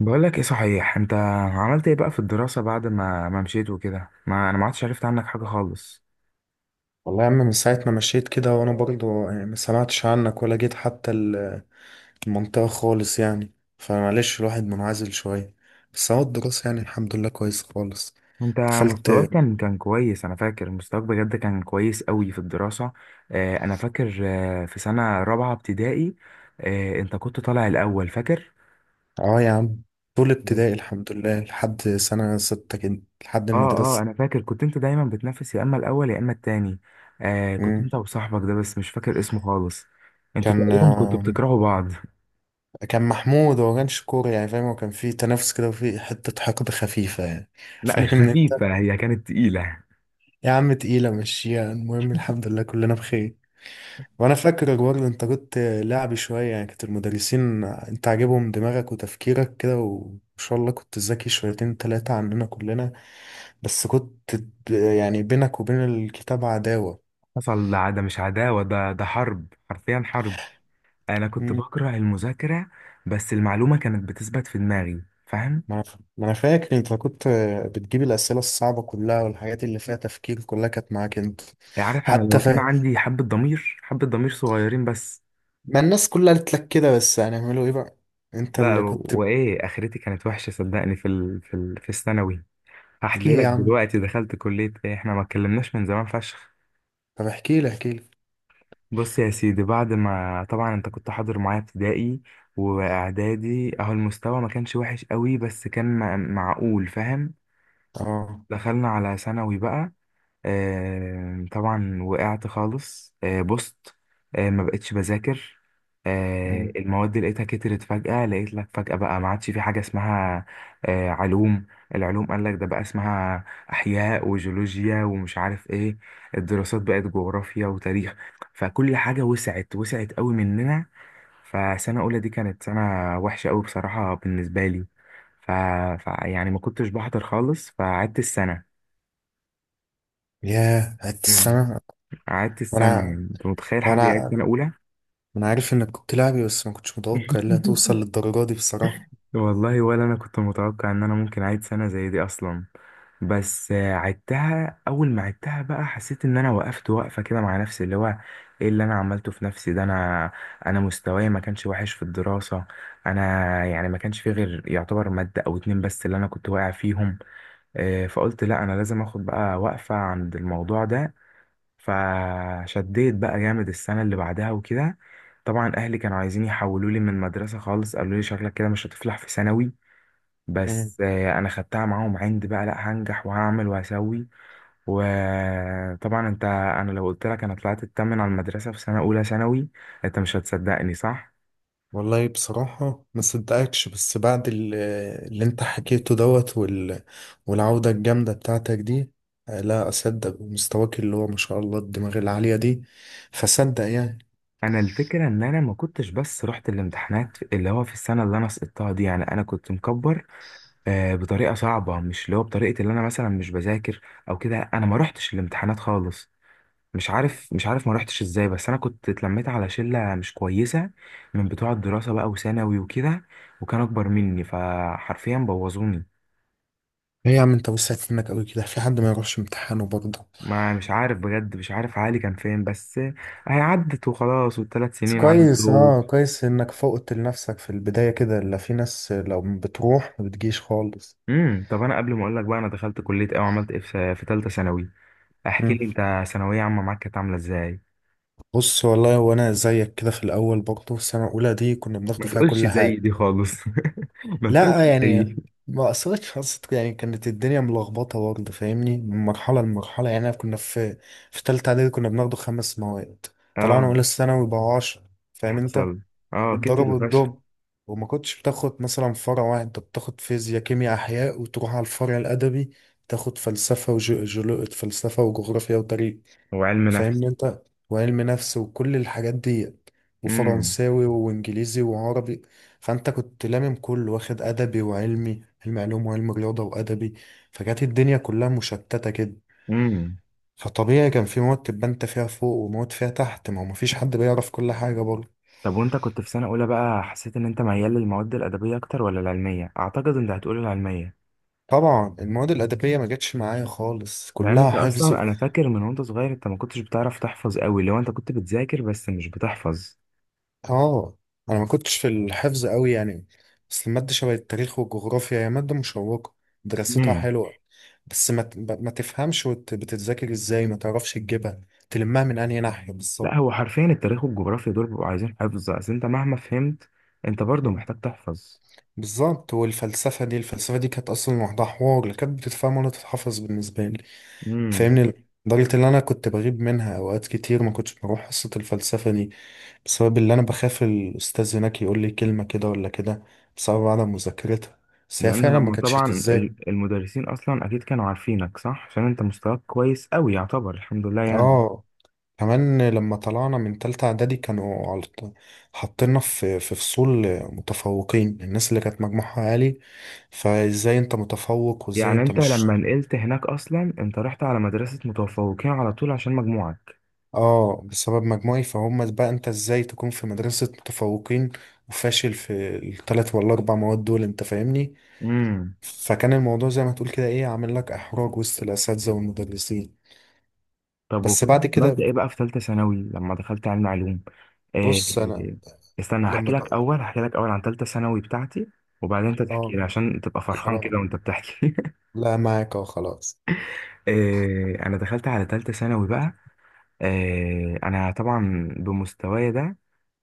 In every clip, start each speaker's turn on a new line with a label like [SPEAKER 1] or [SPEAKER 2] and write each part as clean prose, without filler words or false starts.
[SPEAKER 1] بقول لك ايه صحيح انت؟ عملت ايه بقى في الدراسة بعد ما مشيت وكده؟ ما انا ما عدتش عرفت عنك حاجة خالص.
[SPEAKER 2] والله يا عم من ساعة ما مشيت كده وانا برضه يعني ما سمعتش عنك ولا جيت حتى المنطقة خالص يعني فمعلش الواحد منعزل شوية. بس هو الدراسة يعني الحمد لله كويس خالص.
[SPEAKER 1] انت
[SPEAKER 2] دخلت.
[SPEAKER 1] مستواك كان كويس، انا فاكر مستواك بجد كان كويس قوي في الدراسة. آه انا فاكر في سنة رابعة ابتدائي. آه انت كنت طالع الاول فاكر.
[SPEAKER 2] اه يا عم. طول ابتدائي الحمد لله لحد سنة 6 كده لحد
[SPEAKER 1] اه اه
[SPEAKER 2] المدرسة.
[SPEAKER 1] انا فاكر كنت انت دايما بتنافس، يا اما الاول يا اما التاني. آه كنت
[SPEAKER 2] مم.
[SPEAKER 1] انت وصاحبك ده، بس مش فاكر اسمه خالص. انتوا
[SPEAKER 2] كان
[SPEAKER 1] تقريبا كنتوا
[SPEAKER 2] آه،
[SPEAKER 1] بتكرهوا بعض.
[SPEAKER 2] كان محمود هو كانش كورة يعني فاهم، هو كان فيه تنافس كده وفيه حتة حقد خفيفة يعني
[SPEAKER 1] لا مش
[SPEAKER 2] فاهمني انت.
[SPEAKER 1] خفيفة، هي كانت تقيلة.
[SPEAKER 2] يا عم تقيلة مشيها، المهم الحمد لله كلنا بخير. وانا فاكر اجوار الانترنت لعب شويه يعني، كانت المدرسين انت عاجبهم دماغك وتفكيرك كده وان شاء الله كنت ذكي شويتين تلاتة عننا كلنا. بس كنت يعني بينك وبين الكتاب عداوه.
[SPEAKER 1] حصل. ده مش عداوة، ده حرب، حرفيا حرب. أنا كنت
[SPEAKER 2] مم.
[SPEAKER 1] بكره المذاكرة، بس المعلومة كانت بتثبت في دماغي فاهم؟
[SPEAKER 2] ما انا ف- ما أنا فاكر انت كنت بتجيب الاسئله الصعبه كلها، والحاجات اللي فيها تفكير كلها كانت معاك انت.
[SPEAKER 1] عارف، أنا
[SPEAKER 2] حتى
[SPEAKER 1] لو
[SPEAKER 2] ف...
[SPEAKER 1] كان عندي حبة ضمير، حبة ضمير صغيرين بس.
[SPEAKER 2] ما الناس كلها قالت لك كده، بس هنعمله ايه بقى؟ انت
[SPEAKER 1] لا
[SPEAKER 2] اللي كنت.
[SPEAKER 1] وإيه، آخرتي كانت وحشة صدقني، في الثانوي. هحكي
[SPEAKER 2] ليه
[SPEAKER 1] لك
[SPEAKER 2] يا عم؟
[SPEAKER 1] دلوقتي دخلت كلية إيه، إحنا ما اتكلمناش من زمان فشخ.
[SPEAKER 2] طب احكي لي احكي لي.
[SPEAKER 1] بص يا سيدي، بعد ما طبعا أنت كنت حاضر معايا ابتدائي وإعدادي، أهو المستوى ما كانش وحش قوي، بس كان معقول فاهم؟
[SPEAKER 2] اه.
[SPEAKER 1] دخلنا على ثانوي بقى. طبعا وقعت خالص، بوست. ما بقتش بذاكر.
[SPEAKER 2] مم.
[SPEAKER 1] المواد اللي لقيتها كترت فجأة، لقيت لك فجأة بقى ما عادش في حاجة اسمها علوم. العلوم قال لك ده بقى اسمها أحياء وجيولوجيا ومش عارف ايه. الدراسات بقت جغرافيا وتاريخ. فكل حاجة وسعت وسعت قوي مننا. فسنة أولى دي كانت سنة وحشة قوي بصراحة بالنسبة لي. ف... يعني ما كنتش بحضر خالص، فقعدت السنة.
[SPEAKER 2] ياه قعدت
[SPEAKER 1] مم.
[SPEAKER 2] السنه.
[SPEAKER 1] قعدت السنة،
[SPEAKER 2] وانا
[SPEAKER 1] يعني أنت متخيل
[SPEAKER 2] هو
[SPEAKER 1] حد يقعد
[SPEAKER 2] انا
[SPEAKER 1] سنة أولى؟
[SPEAKER 2] انا عارف انك كنت لاعبي، بس ما كنتش متوقع انها توصل للدرجه دي بصراحه.
[SPEAKER 1] والله ولا أنا كنت متوقع إن أنا ممكن أعيد سنة زي دي أصلا. بس عدتها. أول ما عدتها بقى حسيت إن أنا وقفت وقفة كده مع نفسي، اللي هو إيه اللي أنا عملته في نفسي ده؟ أنا مستواي ما كانش وحش في الدراسة. أنا يعني ما كانش فيه غير يعتبر مادة أو اتنين بس اللي أنا كنت واقع فيهم. فقلت لا، أنا لازم أخد بقى وقفة عند الموضوع ده. فشديت بقى جامد السنة اللي بعدها وكده. طبعا أهلي كانوا عايزين يحولوا لي من مدرسة خالص، قالوا لي شكلك كده مش هتفلح في ثانوي.
[SPEAKER 2] مم.
[SPEAKER 1] بس أنا خدتها معاهم عند بقى، لأ هنجح وهعمل وهسوي. وطبعا أنت، أنا لو قلت لك أنا طلعت التامن على المدرسة في سنة أولى ثانوي، أنت مش هتصدقني صح؟
[SPEAKER 2] والله بصراحه ما صدقكش، بس بعد اللي انت حكيته دوت والعوده الجامده بتاعتك دي، لا اصدق مستواك اللي هو ما شاء الله الدماغ العاليه دي، فصدق يعني.
[SPEAKER 1] أنا الفكرة إن أنا ما كنتش بس رحت الامتحانات، اللي هو في السنة اللي أنا سقطتها دي، يعني أنا كنت مكبر بطريقه صعبه، مش اللي هو بطريقه اللي انا مثلا مش بذاكر او كده، انا ما روحتش الامتحانات خالص. مش عارف ما روحتش ازاي، بس انا كنت اتلميت على شله مش كويسه من بتوع الدراسه بقى وثانوي وكده، وكان اكبر مني فحرفيا بوظوني.
[SPEAKER 2] ايه يا عم انت وسعت منك قوي كده، في حد ما يروحش امتحانه برضه؟
[SPEAKER 1] ما مش عارف بجد، مش عارف عقلي كان فين، بس هي عدت وخلاص والثلاث
[SPEAKER 2] بس
[SPEAKER 1] سنين
[SPEAKER 2] كويس،
[SPEAKER 1] عدوا.
[SPEAKER 2] اه كويس انك فوقت لنفسك في البدايه كده، لا في ناس لو بتروح ما بتجيش خالص.
[SPEAKER 1] طب انا قبل ما اقول لك بقى انا دخلت كليه ايه وعملت ايه في ثالثه ثانوي، احكي لي انت ثانويه عامه معاك كانت عامله ازاي.
[SPEAKER 2] بص والله وانا زيك كده في الاول برضه، السنه الاولى دي كنا بناخد
[SPEAKER 1] ما
[SPEAKER 2] فيها
[SPEAKER 1] تقولش
[SPEAKER 2] كل
[SPEAKER 1] زي
[SPEAKER 2] حاجه.
[SPEAKER 1] دي خالص. ما تقولش
[SPEAKER 2] لا يعني
[SPEAKER 1] زي.
[SPEAKER 2] ما اثرتش حصت يعني، كانت الدنيا ملخبطه برضه فاهمني، من مرحله لمرحله يعني. كنا في في ثالثه اعدادي كنا بناخد خمس مواد، طلعنا
[SPEAKER 1] اه
[SPEAKER 2] اولى ثانوي بقى 10. فاهم انت؟
[SPEAKER 1] حصل. اه
[SPEAKER 2] الضرب
[SPEAKER 1] كتر فشخ.
[SPEAKER 2] والضرب. وما كنتش بتاخد مثلا فرع واحد، انت بتاخد فيزياء كيمياء احياء، وتروح على الفرع الادبي تاخد فلسفه وجغرافيا وتاريخ،
[SPEAKER 1] وعلم نفس.
[SPEAKER 2] فاهمني انت؟ وعلم نفس وكل الحاجات دي،
[SPEAKER 1] امم
[SPEAKER 2] وفرنساوي وانجليزي وعربي. فانت كنت لامم كله، واخد ادبي وعلمي، علم علوم وعلم رياضه وادبي. فكانت الدنيا كلها مشتته كده.
[SPEAKER 1] امم
[SPEAKER 2] فطبيعي كان في مواد تبقى انت فيها فوق ومواد فيها تحت، ما هو مفيش حد بيعرف كل حاجه برضه.
[SPEAKER 1] طب وانت كنت في سنة اولى بقى، حسيت ان انت ميال للمواد الادبية اكتر ولا العلمية؟ اعتقد انت هتقول العلمية،
[SPEAKER 2] طبعا المواد الادبيه ما جاتش معايا خالص،
[SPEAKER 1] لان
[SPEAKER 2] كلها
[SPEAKER 1] انت
[SPEAKER 2] حفظ.
[SPEAKER 1] اصلا انا فاكر من وانت صغير، انت ما كنتش بتعرف تحفظ قوي، لو انت كنت بتذاكر بس مش بتحفظ.
[SPEAKER 2] اه. انا ما كنتش في الحفظ قوي يعني. بس المادة شبه التاريخ والجغرافيا هي مادة مشوقة، دراستها
[SPEAKER 1] امم.
[SPEAKER 2] حلوة. بس ما ت- ب- ما تفهمش بتتذاكر ازاي ما تعرفش تجيبها، تلمها من انهي ناحية
[SPEAKER 1] لا
[SPEAKER 2] بالظبط.
[SPEAKER 1] هو حرفيا التاريخ والجغرافيا دول بيبقوا عايزين حفظ، اصل انت مهما فهمت انت برضو
[SPEAKER 2] مم.
[SPEAKER 1] محتاج تحفظ.
[SPEAKER 2] بالظبط. والفلسفة دي كانت أصلا لوحدها حوار، لا كانت بتتفهم ولا تتحفظ بالنسبة لي،
[SPEAKER 1] امم
[SPEAKER 2] فاهمني. لدرجة إن أنا كنت بغيب منها أوقات كتير، ما كنتش بروح حصة الفلسفة دي، بسبب اللي أنا بخاف الأستاذ هناك يقول لي كلمة كده ولا كده، بسبب عدم مذاكرتها. بس هي
[SPEAKER 1] لان
[SPEAKER 2] فعلا ما
[SPEAKER 1] هم
[SPEAKER 2] كانتش
[SPEAKER 1] طبعا
[SPEAKER 2] تتذاكر.
[SPEAKER 1] المدرسين اصلا اكيد كانوا عارفينك صح، عشان انت مستواك كويس قوي يعتبر الحمد لله يعني.
[SPEAKER 2] اه. كمان لما طلعنا من تالتة إعدادي كانوا حاطيننا في فصول متفوقين، الناس اللي كانت مجموعها عالي. فازاي انت متفوق وازاي
[SPEAKER 1] يعني
[SPEAKER 2] انت
[SPEAKER 1] انت
[SPEAKER 2] مش
[SPEAKER 1] لما
[SPEAKER 2] شاطر؟
[SPEAKER 1] نقلت هناك اصلا انت رحت على مدرسة متفوقين على طول عشان مجموعك.
[SPEAKER 2] اه بسبب مجموعي، فهم بقى انت ازاي تكون في مدرسة متفوقين وفاشل في التلات ولا أربع مواد دول، انت فاهمني؟
[SPEAKER 1] امم
[SPEAKER 2] فكان الموضوع زي ما تقول كده ايه، عامل لك احراج وسط الاساتذه والمدرسين.
[SPEAKER 1] طب
[SPEAKER 2] بس
[SPEAKER 1] وكنت
[SPEAKER 2] بعد
[SPEAKER 1] عملت
[SPEAKER 2] كده.
[SPEAKER 1] ايه بقى في ثالثة ثانوي لما دخلت علم علوم؟ إيه؟
[SPEAKER 2] بص انا.
[SPEAKER 1] استنى، هحكي
[SPEAKER 2] لما
[SPEAKER 1] لك
[SPEAKER 2] د-
[SPEAKER 1] اول هحكي لك اول عن ثالثة ثانوي بتاعتي، وبعدين انت تحكي
[SPEAKER 2] اه
[SPEAKER 1] لي عشان تبقى فرحان
[SPEAKER 2] خلاص.
[SPEAKER 1] كده وانت بتحكي.
[SPEAKER 2] لا معاك، اه خلاص.
[SPEAKER 1] إيه، انا دخلت على ثالثة ثانوي بقى. انا طبعا بمستواي ده،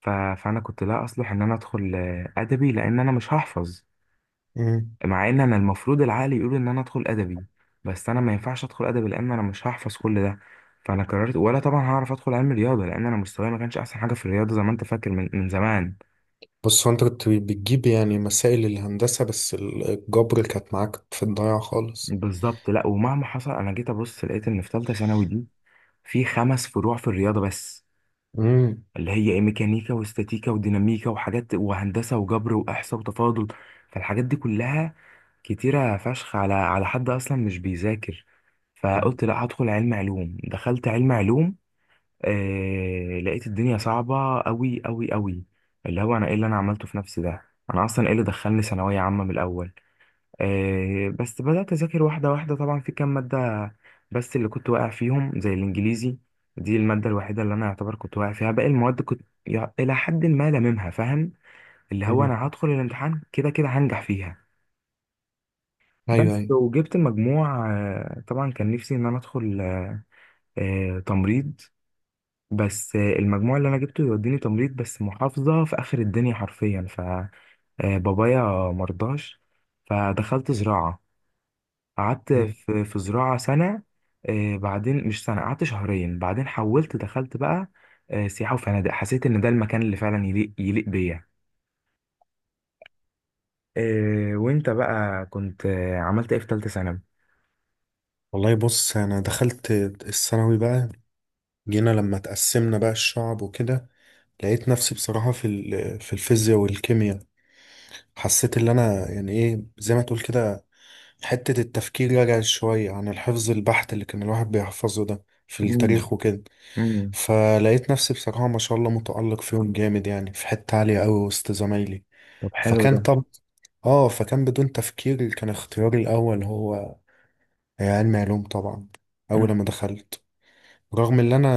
[SPEAKER 1] فانا كنت لا اصلح ان انا ادخل ادبي، لان انا مش هحفظ.
[SPEAKER 2] مم.
[SPEAKER 1] مع ان انا المفروض العقل يقول ان انا ادخل ادبي، بس انا ما ينفعش ادخل ادبي لان انا مش هحفظ كل ده. فانا قررت، ولا طبعا هعرف ادخل علم رياضه، لان انا مستواي ما كانش احسن حاجه في الرياضه زي ما انت فاكر من زمان.
[SPEAKER 2] بص هو انت كنت بتجيب يعني مسائل الهندسه، بس الجبر كانت معاك في الضياع خالص.
[SPEAKER 1] بالظبط. لا ومهما حصل انا جيت ابص لقيت ان في ثالثه ثانوي دي في خمس فروع في الرياضه بس،
[SPEAKER 2] امم.
[SPEAKER 1] اللي هي ايه، ميكانيكا واستاتيكا وديناميكا وحاجات، وهندسه وجبر واحصاء وتفاضل. فالحاجات دي كلها كتيره فشخ على حد اصلا مش بيذاكر. فقلت لا هدخل علم علوم، دخلت علم علوم. لقيت الدنيا صعبه قوي قوي قوي، اللي هو انا ايه اللي انا عملته في نفسي ده، انا اصلا ايه اللي دخلني ثانويه عامه من الاول. بس بدأت أذاكر واحدة واحدة، طبعا في كام مادة بس اللي كنت واقع فيهم، زي الإنجليزي. دي المادة الوحيدة اللي أنا يعتبر كنت واقع فيها، باقي المواد كنت إلى حد ما لاممها فاهم، اللي هو أنا هدخل الامتحان كده كده هنجح فيها.
[SPEAKER 2] ايوه
[SPEAKER 1] بس
[SPEAKER 2] ايوه.
[SPEAKER 1] وجبت المجموع، طبعا كان نفسي إن أنا أدخل تمريض، بس المجموع اللي أنا جبته يوديني تمريض بس محافظة في آخر الدنيا حرفيا، ف بابايا مرضاش. فدخلت زراعة، قعدت
[SPEAKER 2] مم.
[SPEAKER 1] في زراعة سنة. بعدين مش سنة، قعدت شهرين بعدين حولت، دخلت بقى سياحة وفنادق. حسيت إن ده المكان اللي فعلا يليق يليق بيا. وأنت بقى كنت عملت إيه في تالتة ثانوي؟
[SPEAKER 2] والله بص انا دخلت الثانوي بقى، جينا لما تقسمنا بقى الشعب وكده، لقيت نفسي بصراحه في الفيزياء والكيمياء، حسيت اللي انا يعني ايه زي ما تقول كده، حتة التفكير رجعت شوية عن الحفظ البحت اللي كان الواحد بيحفظه ده في
[SPEAKER 1] مم،
[SPEAKER 2] التاريخ وكده.
[SPEAKER 1] مم.
[SPEAKER 2] فلقيت نفسي بصراحة ما شاء الله متألق فيهم جامد يعني، في حتة عالية أوي وسط زمايلي.
[SPEAKER 1] طب حلو
[SPEAKER 2] فكان
[SPEAKER 1] ده.
[SPEAKER 2] طب، اه فكان بدون تفكير كان اختياري الأول هو علم علوم طبعا. أول
[SPEAKER 1] مم.
[SPEAKER 2] لما دخلت، رغم ان انا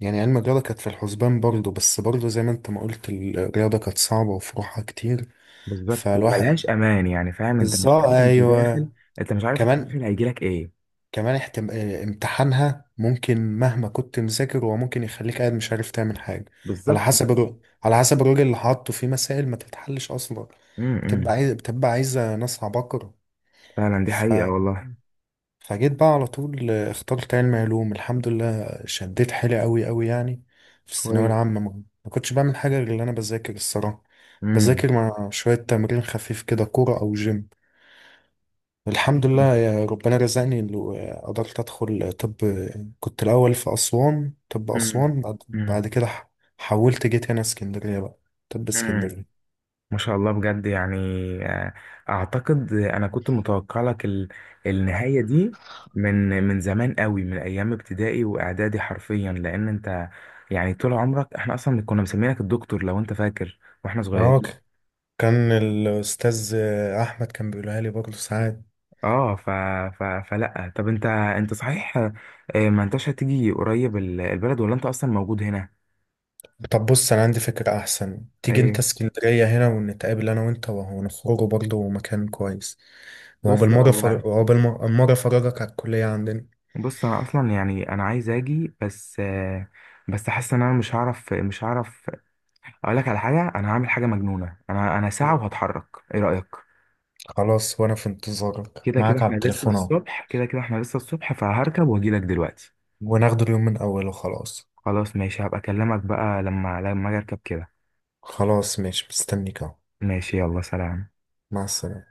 [SPEAKER 2] يعني علم الرياضة كانت في الحسبان برضه، بس برضه زي ما انت ما قلت الرياضة كانت صعبة وفروعها كتير،
[SPEAKER 1] بالظبط،
[SPEAKER 2] فالواحد.
[SPEAKER 1] وملهاش أمان يعني فاهم أنت، مش
[SPEAKER 2] بالظبط،
[SPEAKER 1] عارف أنت داخل.
[SPEAKER 2] ايوه.
[SPEAKER 1] أنت مش عارف التقدير
[SPEAKER 2] كمان
[SPEAKER 1] اللي هيجيلك إيه.
[SPEAKER 2] كمان احتم... آه، امتحانها ممكن مهما كنت مذاكر، هو ممكن يخليك قاعد مش عارف تعمل حاجه، على
[SPEAKER 1] بالظبط.
[SPEAKER 2] حسب الر... على حسب الراجل اللي حاطه في مسائل ما تتحلش اصلا،
[SPEAKER 1] مم،
[SPEAKER 2] بتبقى
[SPEAKER 1] مم.
[SPEAKER 2] عايز بتبقى عايزه ناس عباقره.
[SPEAKER 1] فعلا دي
[SPEAKER 2] ف...
[SPEAKER 1] حقيقة والله.
[SPEAKER 2] فجيت بقى على طول، اخترت علم علوم الحمد لله، شديت حيلي قوي قوي يعني. في الثانويه
[SPEAKER 1] كويس.
[SPEAKER 2] العامه ما كنتش بعمل حاجه غير اللي انا بذاكر الصراحه،
[SPEAKER 1] مم.
[SPEAKER 2] بذاكر مع شويه تمرين خفيف كده كوره او جيم. الحمد لله يا ربنا رزقني إنه قدرت أدخل طب، كنت الأول في أسوان. طب
[SPEAKER 1] مم.
[SPEAKER 2] أسوان بعد
[SPEAKER 1] مم.
[SPEAKER 2] كده حولت جيت هنا اسكندرية بقى، طب
[SPEAKER 1] مم.
[SPEAKER 2] اسكندرية.
[SPEAKER 1] ما شاء الله بجد يعني. آه، اعتقد انا كنت متوقع لك النهاية دي من زمان قوي، من ايام ابتدائي واعدادي حرفيا، لان انت يعني طول عمرك احنا اصلا كنا مسمينك الدكتور لو انت فاكر، واحنا
[SPEAKER 2] اه
[SPEAKER 1] صغيرين.
[SPEAKER 2] كان الأستاذ أحمد كان بيقولها لي برضه ساعات.
[SPEAKER 1] اه. فلا، طب انت صحيح، ما انتش هتيجي قريب البلد، ولا انت اصلا موجود هنا؟
[SPEAKER 2] طب بص، أنا عندي فكرة أحسن، تيجي أنت
[SPEAKER 1] ايه؟
[SPEAKER 2] اسكندرية هنا، ونتقابل أنا وأنت وهو، نخرجوا برضه مكان كويس، وهو
[SPEAKER 1] بص
[SPEAKER 2] بالمرة
[SPEAKER 1] هو
[SPEAKER 2] فر... وهو بالمرة المرة أفرجك على الكلية عندنا.
[SPEAKER 1] بص انا اصلا يعني انا عايز اجي، بس بس حاسس ان انا مش هعرف، مش هعرف. اقول لك على حاجه، انا هعمل حاجه مجنونه، انا ساعه وهتحرك، ايه رايك؟
[SPEAKER 2] خلاص وأنا في انتظارك معاك على التليفون أهو،
[SPEAKER 1] كده كده احنا لسه الصبح، فهركب واجي لك دلوقتي.
[SPEAKER 2] وناخده اليوم من أوله. خلاص.
[SPEAKER 1] خلاص ماشي، هبقى اكلمك بقى لما اجي اركب كده.
[SPEAKER 2] خلاص ماشي مستنيك اهو.
[SPEAKER 1] ماشي يلا سلام.
[SPEAKER 2] مع السلامة.